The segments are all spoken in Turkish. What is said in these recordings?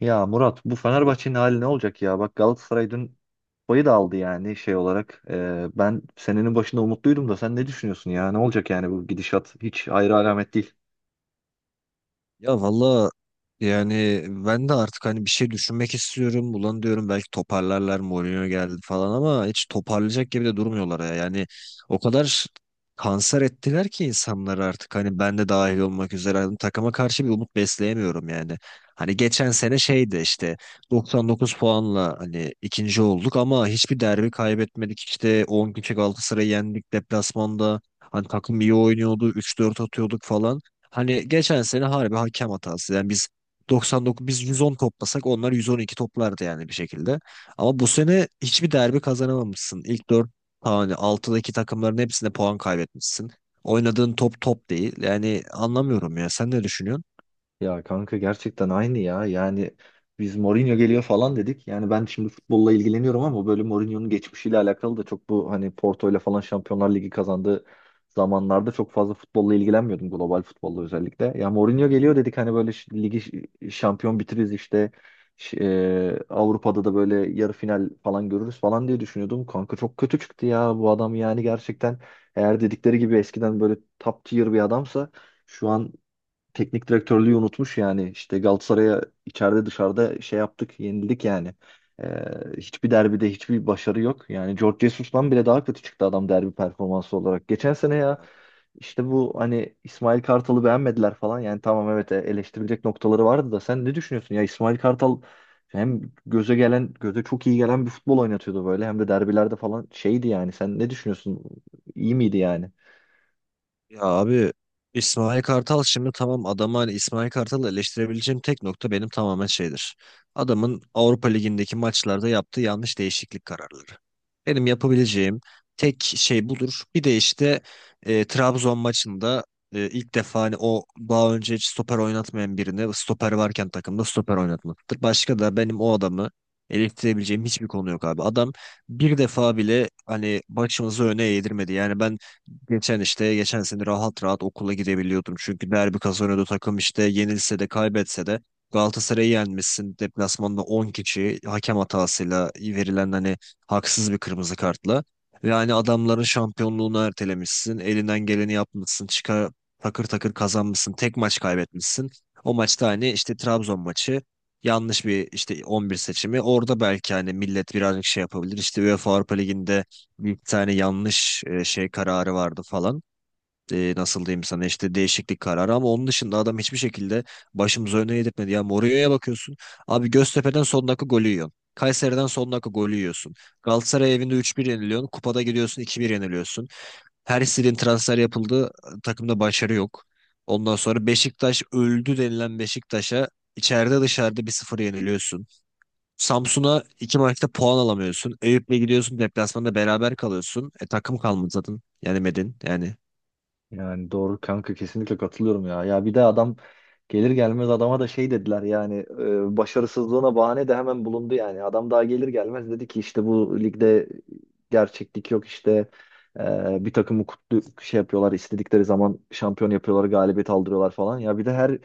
Ya Murat bu Fenerbahçe'nin hali ne olacak ya? Bak Galatasaray dün payı da aldı yani şey olarak. Ben senenin başında umutluydum da sen ne düşünüyorsun ya? Ne olacak yani bu gidişat? Hiç hayra alamet değil. Ya valla yani ben de artık hani bir şey düşünmek istiyorum. Ulan diyorum belki toparlarlar Mourinho geldi falan ama hiç toparlayacak gibi de durmuyorlar ya. Yani o kadar kanser ettiler ki insanları artık hani ben de dahil olmak üzere hani takıma karşı bir umut besleyemiyorum yani. Hani geçen sene şeydi işte 99 puanla hani ikinci olduk ama hiçbir derbi kaybetmedik. İşte 10 kişi Galatasaray'ı yendik deplasmanda. Hani takım iyi oynuyordu 3-4 atıyorduk falan. Hani geçen sene harbi hakem hatası. Yani biz 110 toplasak onlar 112 toplardı yani bir şekilde. Ama bu sene hiçbir derbi kazanamamışsın. İlk 4, hani altıdaki takımların hepsinde puan kaybetmişsin. Oynadığın top değil. Yani anlamıyorum ya. Sen ne düşünüyorsun? Ya kanka gerçekten aynı ya. Yani biz Mourinho geliyor falan dedik. Yani ben şimdi futbolla ilgileniyorum ama böyle Mourinho'nun geçmişiyle alakalı da çok bu hani Porto ile falan Şampiyonlar Ligi kazandığı zamanlarda çok fazla futbolla ilgilenmiyordum. Global futbolla özellikle. Ya Mourinho geliyor dedik hani böyle ligi şampiyon bitiririz işte. Avrupa'da da böyle yarı final falan görürüz falan diye düşünüyordum. Kanka çok kötü çıktı ya bu adam yani gerçekten eğer dedikleri gibi eskiden böyle top tier bir adamsa şu an teknik direktörlüğü unutmuş yani. İşte Galatasaray'a içeride dışarıda şey yaptık, yenildik yani. Ee, Hiçbir derbide hiçbir başarı yok. Yani George Jesus'tan bile daha kötü çıktı adam derbi performansı olarak. Geçen sene ya işte bu hani İsmail Kartal'ı beğenmediler falan. Yani tamam evet, eleştirilecek noktaları vardı da sen ne düşünüyorsun? Ya İsmail Kartal hem göze gelen, göze çok iyi gelen bir futbol oynatıyordu böyle. Hem de derbilerde falan şeydi yani. Sen ne düşünüyorsun? İyi miydi yani? Ya abi İsmail Kartal şimdi tamam adamı hani İsmail Kartal'ı eleştirebileceğim tek nokta benim tamamen şeydir. Adamın Avrupa Ligi'ndeki maçlarda yaptığı yanlış değişiklik kararları. Benim yapabileceğim tek şey budur. Bir de işte Trabzon maçında ilk defa hani o daha önce hiç stoper oynatmayan birini stoper varken takımda stoper oynatmaktır. Başka da benim o adamı eleştirebileceğim hiçbir konu yok abi. Adam bir defa bile hani başımızı öne eğdirmedi. Yani ben geçen işte geçen sene rahat okula gidebiliyordum. Çünkü derbi kazanıyordu takım işte yenilse de kaybetse de Galatasaray'ı yenmişsin. Deplasmanda 10 kişi hakem hatasıyla verilen hani haksız bir kırmızı kartla. Ve hani adamların şampiyonluğunu ertelemişsin. Elinden geleni yapmışsın. Çıkar takır kazanmışsın. Tek maç kaybetmişsin. O maçta hani işte Trabzon maçı yanlış bir işte 11 seçimi. Orada belki hani millet birazcık şey yapabilir. İşte UEFA Avrupa Ligi'nde bir tane yanlış şey kararı vardı falan. Nasıl diyeyim sana işte değişiklik kararı ama onun dışında adam hiçbir şekilde başımıza öne yedirtmedi. Ya Mourinho'ya bakıyorsun. Abi Göztepe'den son dakika golü yiyorsun. Kayseri'den son dakika golü yiyorsun. Galatasaray evinde 3-1 yeniliyorsun. Kupada gidiyorsun 2-1 yeniliyorsun. Her istediğin transfer yapıldı. Takımda başarı yok. Ondan sonra Beşiktaş öldü denilen Beşiktaş'a içeride dışarıda bir sıfır yeniliyorsun. Samsun'a iki maçta puan alamıyorsun. Eyüp'le gidiyorsun deplasmanda beraber kalıyorsun. E takım kalmadı zaten. Yani medin, yani Yani doğru kanka, kesinlikle katılıyorum ya. Ya bir de adam gelir gelmez adama da şey dediler yani, başarısızlığına bahane de hemen bulundu yani. Adam daha gelir gelmez dedi ki işte bu ligde gerçeklik yok, işte bir takımı kutlu şey yapıyorlar, istedikleri zaman şampiyon yapıyorlar, galibiyet aldırıyorlar falan. Ya bir de her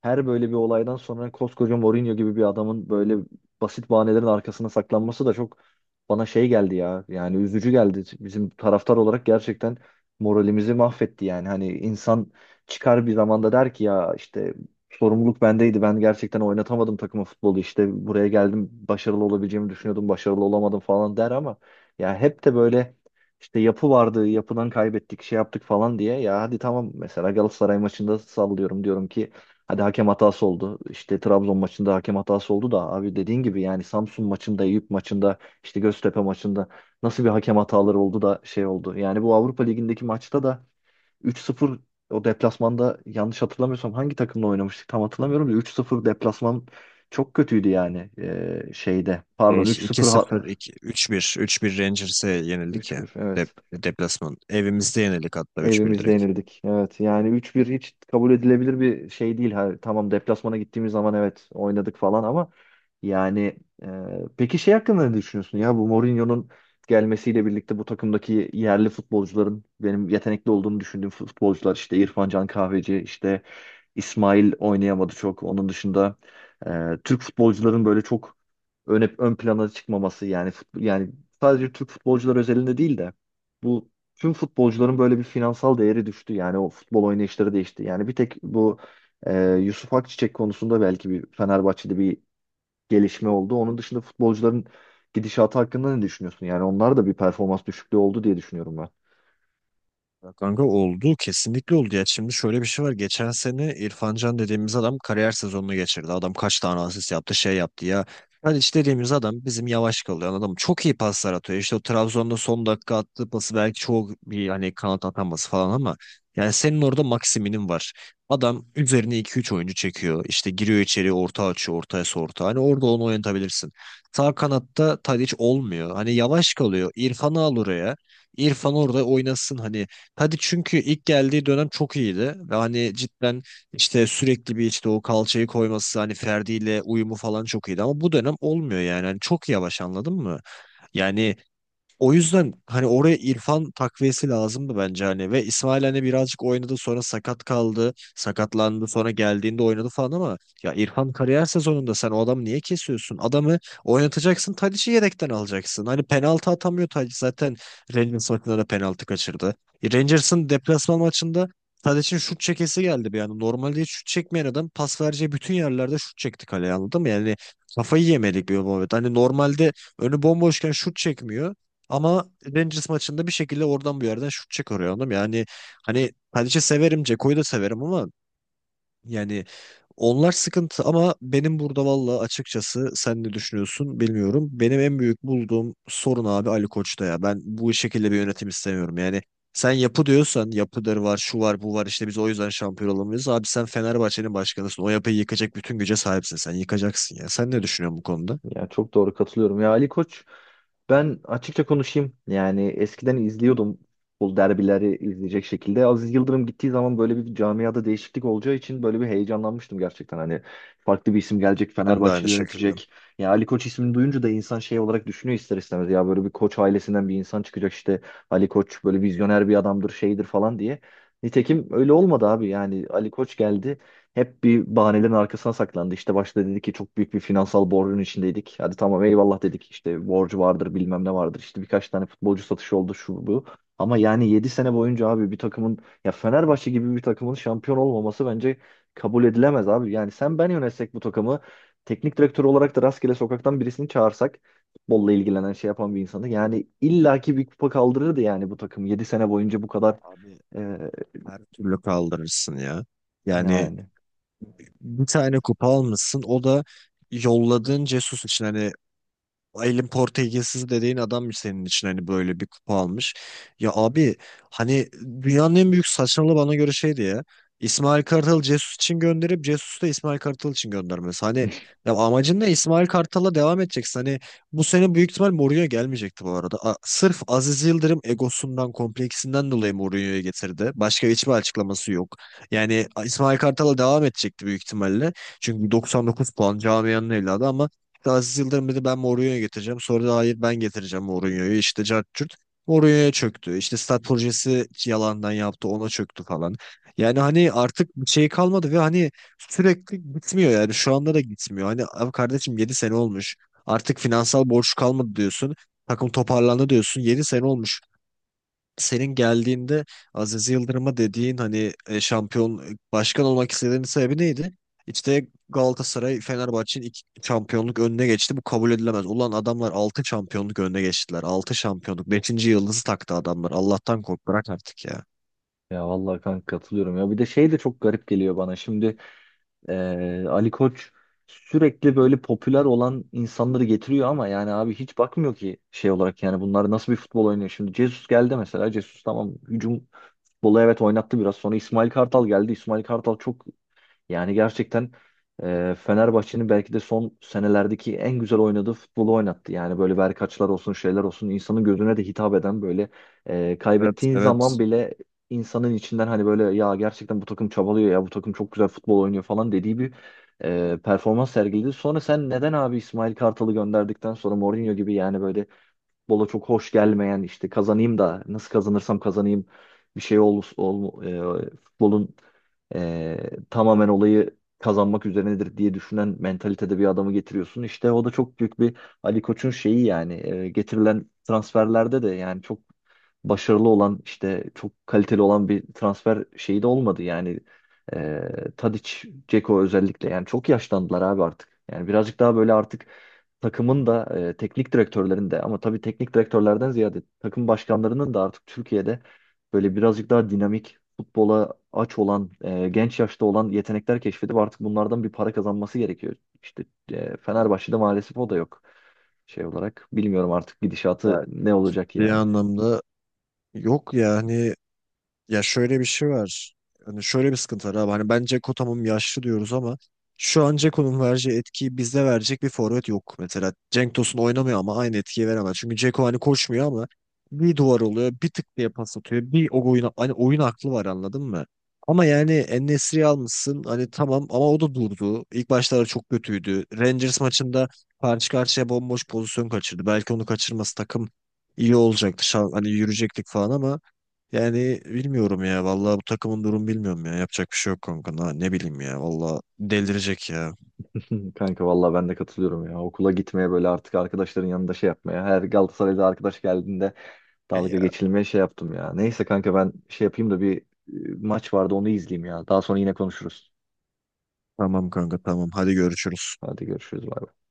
her böyle bir olaydan sonra koskoca Mourinho gibi bir adamın böyle basit bahanelerin arkasına saklanması da çok bana şey geldi ya. Yani üzücü geldi. Bizim taraftar olarak gerçekten moralimizi mahvetti yani. Hani insan çıkar bir zamanda der ki ya işte sorumluluk bendeydi. Ben gerçekten oynatamadım takımı, futbolu. İşte buraya geldim, başarılı olabileceğimi düşünüyordum. Başarılı olamadım falan der ama ya hep de böyle işte yapı vardı, yapıdan kaybettik, şey yaptık falan diye. Ya hadi tamam mesela Galatasaray maçında sallıyorum diyorum ki hadi hakem hatası oldu. İşte Trabzon maçında hakem hatası oldu da abi dediğin gibi yani Samsun maçında, Eyüp maçında, işte Göztepe maçında nasıl bir hakem hataları oldu da şey oldu. Yani bu Avrupa Ligi'ndeki maçta da 3-0, o deplasmanda yanlış hatırlamıyorsam hangi takımla oynamıştık tam hatırlamıyorum da 3-0 deplasman çok kötüydü yani. Şeyde. Pardon 3-0 3-1 Rangers'e yenildik ya. 3-1 evet. Deplasman. Evimizde yenildik hatta üç bir Evimizde direkt. yenildik. Evet yani 3-1 hiç kabul edilebilir bir şey değil. Ha, tamam deplasmana gittiğimiz zaman evet oynadık falan ama yani e, peki şey hakkında ne düşünüyorsun ya, bu Mourinho'nun gelmesiyle birlikte bu takımdaki yerli futbolcuların, benim yetenekli olduğunu düşündüğüm futbolcular işte İrfan Can Kahveci, işte İsmail oynayamadı çok. Onun dışında Türk futbolcuların böyle çok ön plana çıkmaması yani, yani sadece Türk futbolcular özelinde değil de bu tüm futbolcuların böyle bir finansal değeri düştü. Yani o futbol oynayışları değişti. Yani bir tek bu Yusuf Akçiçek konusunda belki bir Fenerbahçe'de bir gelişme oldu. Onun dışında futbolcuların gidişatı hakkında ne düşünüyorsun? Yani onlar da bir performans düşüklüğü oldu diye düşünüyorum ben. Ya kanka oldu. Kesinlikle oldu ya. Şimdi şöyle bir şey var. Geçen sene İrfan Can dediğimiz adam kariyer sezonunu geçirdi. Adam kaç tane asist yaptı şey yaptı ya. Hadi işte dediğimiz adam bizim yavaş kalıyor. Adam çok iyi paslar atıyor. İşte o Trabzon'da son dakika attığı pası belki çok bir hani kanat ataması falan ama yani senin orada maksiminin var. Adam üzerine iki üç oyuncu çekiyor. İşte giriyor içeri orta açıyor. Ortaya orta. Hani orada onu oynatabilirsin. Sağ kanatta Tadic olmuyor. Hani yavaş kalıyor. İrfan'ı al oraya. İrfan orada oynasın hani. Hadi çünkü ilk geldiği dönem çok iyiydi. Ve hani cidden işte sürekli bir işte o kalçayı koyması hani Ferdi ile uyumu falan çok iyiydi. Ama bu dönem olmuyor yani. Hani çok yavaş, anladın mı? Yani o yüzden hani oraya İrfan takviyesi lazımdı bence hani ve İsmail hani birazcık oynadı sonra sakatlandı sonra geldiğinde oynadı falan ama ya İrfan kariyer sezonunda sen o adamı niye kesiyorsun? Adamı oynatacaksın, Tadic'i yedekten alacaksın. Hani penaltı atamıyor Tadic zaten, Rangers maçında da penaltı kaçırdı. Rangers'ın deplasman maçında Tadic'in şut çekesi geldi bir anda. Normalde hiç şut çekmeyen adam pas vereceği bütün yerlerde şut çekti kaleye, anladın mı? Yani kafayı yemedik bir muhabbet. Hani normalde önü bomboşken şut çekmiyor. Ama Rangers maçında bir şekilde oradan bir yerden şut çıkarıyor, anladın mı? Yani hani Tadic'i severim, Ceko'yu da severim ama yani onlar sıkıntı, ama benim burada valla açıkçası sen ne düşünüyorsun bilmiyorum. Benim en büyük bulduğum sorun abi Ali Koç'ta ya. Ben bu şekilde bir yönetim istemiyorum. Yani sen yapı diyorsan, yapıları var, şu var, bu var, işte biz o yüzden şampiyon olamıyoruz. Abi sen Fenerbahçe'nin başkanısın. O yapıyı yıkacak bütün güce sahipsin. Sen yıkacaksın ya. Sen ne düşünüyorsun bu konuda? Ya çok doğru, katılıyorum. Ya Ali Koç, ben açıkça konuşayım. Yani eskiden izliyordum bu derbileri, izleyecek şekilde. Aziz Yıldırım gittiği zaman böyle bir camiada değişiklik olacağı için böyle bir heyecanlanmıştım gerçekten. Hani farklı bir isim gelecek, Ben de Fenerbahçe aynı şekilde. yönetecek. Ya Ali Koç ismini duyunca da insan şey olarak düşünüyor ister istemez. Ya böyle bir Koç ailesinden bir insan çıkacak işte. Ali Koç böyle vizyoner bir adamdır, şeydir falan diye. Nitekim öyle olmadı abi. Yani Ali Koç geldi. Hep bir bahanelerin arkasına saklandı. İşte başta dedi ki çok büyük bir finansal borcun içindeydik. Hadi tamam eyvallah dedik. İşte borcu vardır, bilmem ne vardır. İşte birkaç tane futbolcu satışı oldu şu bu. Ama yani 7 sene boyunca abi bir takımın, ya Fenerbahçe gibi bir takımın şampiyon olmaması bence kabul edilemez abi. Yani sen ben yönetsek bu takımı, teknik direktör olarak da rastgele sokaktan birisini çağırsak, futbolla ilgilenen şey yapan bir insanı, yani illaki bir kupa kaldırırdı yani. Bu takım 7 sene boyunca bu kadar Abi e, her türlü kaldırırsın ya. Yani yani. bir tane kupa almışsın. O da yolladığın Cesus için hani. Elin Portekizsiz dediğin adammış senin için hani, böyle bir kupa almış. Ya abi hani dünyanın en büyük saçmalığı bana göre şeydi ya. İsmail Kartal Jesus için gönderip Jesus'u da İsmail Kartal için göndermesi. Hani ya amacın ne? İsmail Kartal'la devam edeceksin. Hani bu sene büyük ihtimal Mourinho gelmeyecekti bu arada. Sırf Aziz Yıldırım egosundan, kompleksinden dolayı Mourinho'yu getirdi. Başka hiçbir açıklaması yok. Yani İsmail Kartal'la devam edecekti büyük ihtimalle. Çünkü 99 puan camianın evladı ama Aziz Yıldırım dedi ben Mourinho'yu getireceğim. Sonra da hayır ben getireceğim Mourinho'yu. İşte cart curt. Mourinho'ya çöktü. İşte stat projesi yalandan yaptı ona çöktü falan. Yani hani artık bir şey kalmadı ve hani sürekli gitmiyor yani şu anda da gitmiyor. Hani abi kardeşim 7 sene olmuş. Artık finansal borç kalmadı diyorsun. Takım toparlandı diyorsun. Yedi sene olmuş senin geldiğinde Aziz Yıldırım'a dediğin hani şampiyon başkan olmak istediğinin sebebi neydi? İşte Galatasaray Fenerbahçe'nin iki şampiyonluk önüne geçti. Bu kabul edilemez. Ulan adamlar 6 şampiyonluk önüne geçtiler. 6 şampiyonluk. Beşinci yıldızı taktı adamlar. Allah'tan kork, bırak artık ya. Ya vallahi kanka katılıyorum ya. Bir de şey de çok garip geliyor bana. Şimdi Ali Koç sürekli böyle popüler olan insanları getiriyor ama yani abi hiç bakmıyor ki şey olarak yani bunlar nasıl bir futbol oynuyor. Şimdi Jesus geldi mesela. Jesus tamam, hücum futbolu evet oynattı biraz. Sonra İsmail Kartal geldi. İsmail Kartal çok, yani gerçekten Fenerbahçe'nin belki de son senelerdeki en güzel oynadığı futbolu oynattı. Yani böyle verkaçlar olsun, şeyler olsun, insanın gözüne de hitap eden böyle Evet, kaybettiği zaman evet. bile insanın içinden hani böyle ya gerçekten bu takım çabalıyor ya, bu takım çok güzel futbol oynuyor falan dediği bir performans sergiledi. Sonra sen neden abi İsmail Kartal'ı gönderdikten sonra Mourinho gibi yani böyle futbola çok hoş gelmeyen, işte kazanayım da nasıl kazanırsam kazanayım, bir şey ol futbolun tamamen olayı kazanmak üzerinedir diye düşünen mentalitede bir adamı getiriyorsun. İşte o da çok büyük bir Ali Koç'un şeyi yani, getirilen transferlerde de yani çok başarılı olan, işte çok kaliteli olan bir transfer şeyi de olmadı yani. E, Tadic, Dzeko özellikle yani çok yaşlandılar abi artık. Yani birazcık daha böyle artık takımın da teknik direktörlerin de, ama tabii teknik direktörlerden ziyade takım başkanlarının da artık Türkiye'de böyle birazcık daha dinamik futbola aç olan, genç yaşta olan yetenekler keşfedip artık bunlardan bir para kazanması gerekiyor. İşte Fenerbahçe'de maalesef o da yok şey olarak. Bilmiyorum artık gidişatı Ya, ne olacak ciddi yani. anlamda yok yani. Ya şöyle bir şey var. Hani şöyle bir sıkıntı var abi. Hani ben Dzeko tamam yaşlı diyoruz ama şu an Dzeko'nun vereceği etkiyi bizde verecek bir forvet yok. Mesela Cenk Tosun oynamıyor ama aynı etkiyi veremez. Çünkü Dzeko hani koşmuyor ama bir duvar oluyor, bir tık diye pas atıyor. Bir o oyun, hani oyun aklı var, anladın mı? Ama yani En-Nesyri'yi almışsın hani tamam ama o da durdu. İlk başlarda çok kötüydü. Rangers maçında karşı karşıya bomboş pozisyon kaçırdı. Belki onu kaçırması takım iyi olacaktı. Hani yürüyecektik falan ama yani bilmiyorum ya. Vallahi bu takımın durum bilmiyorum ya. Yapacak bir şey yok kanka. Ne bileyim ya. Vallahi delirecek ya. Hı, kanka vallahi ben de katılıyorum ya. Okula gitmeye böyle artık, arkadaşların yanında şey yapmaya. Her Galatasaray'da arkadaş geldiğinde dalga Ya geçilmeye şey yaptım ya. Neyse kanka ben şey yapayım da bir maç vardı onu izleyeyim ya. Daha sonra yine konuşuruz. tamam kanka, tamam. Hadi görüşürüz. Hadi görüşürüz. Bay bay.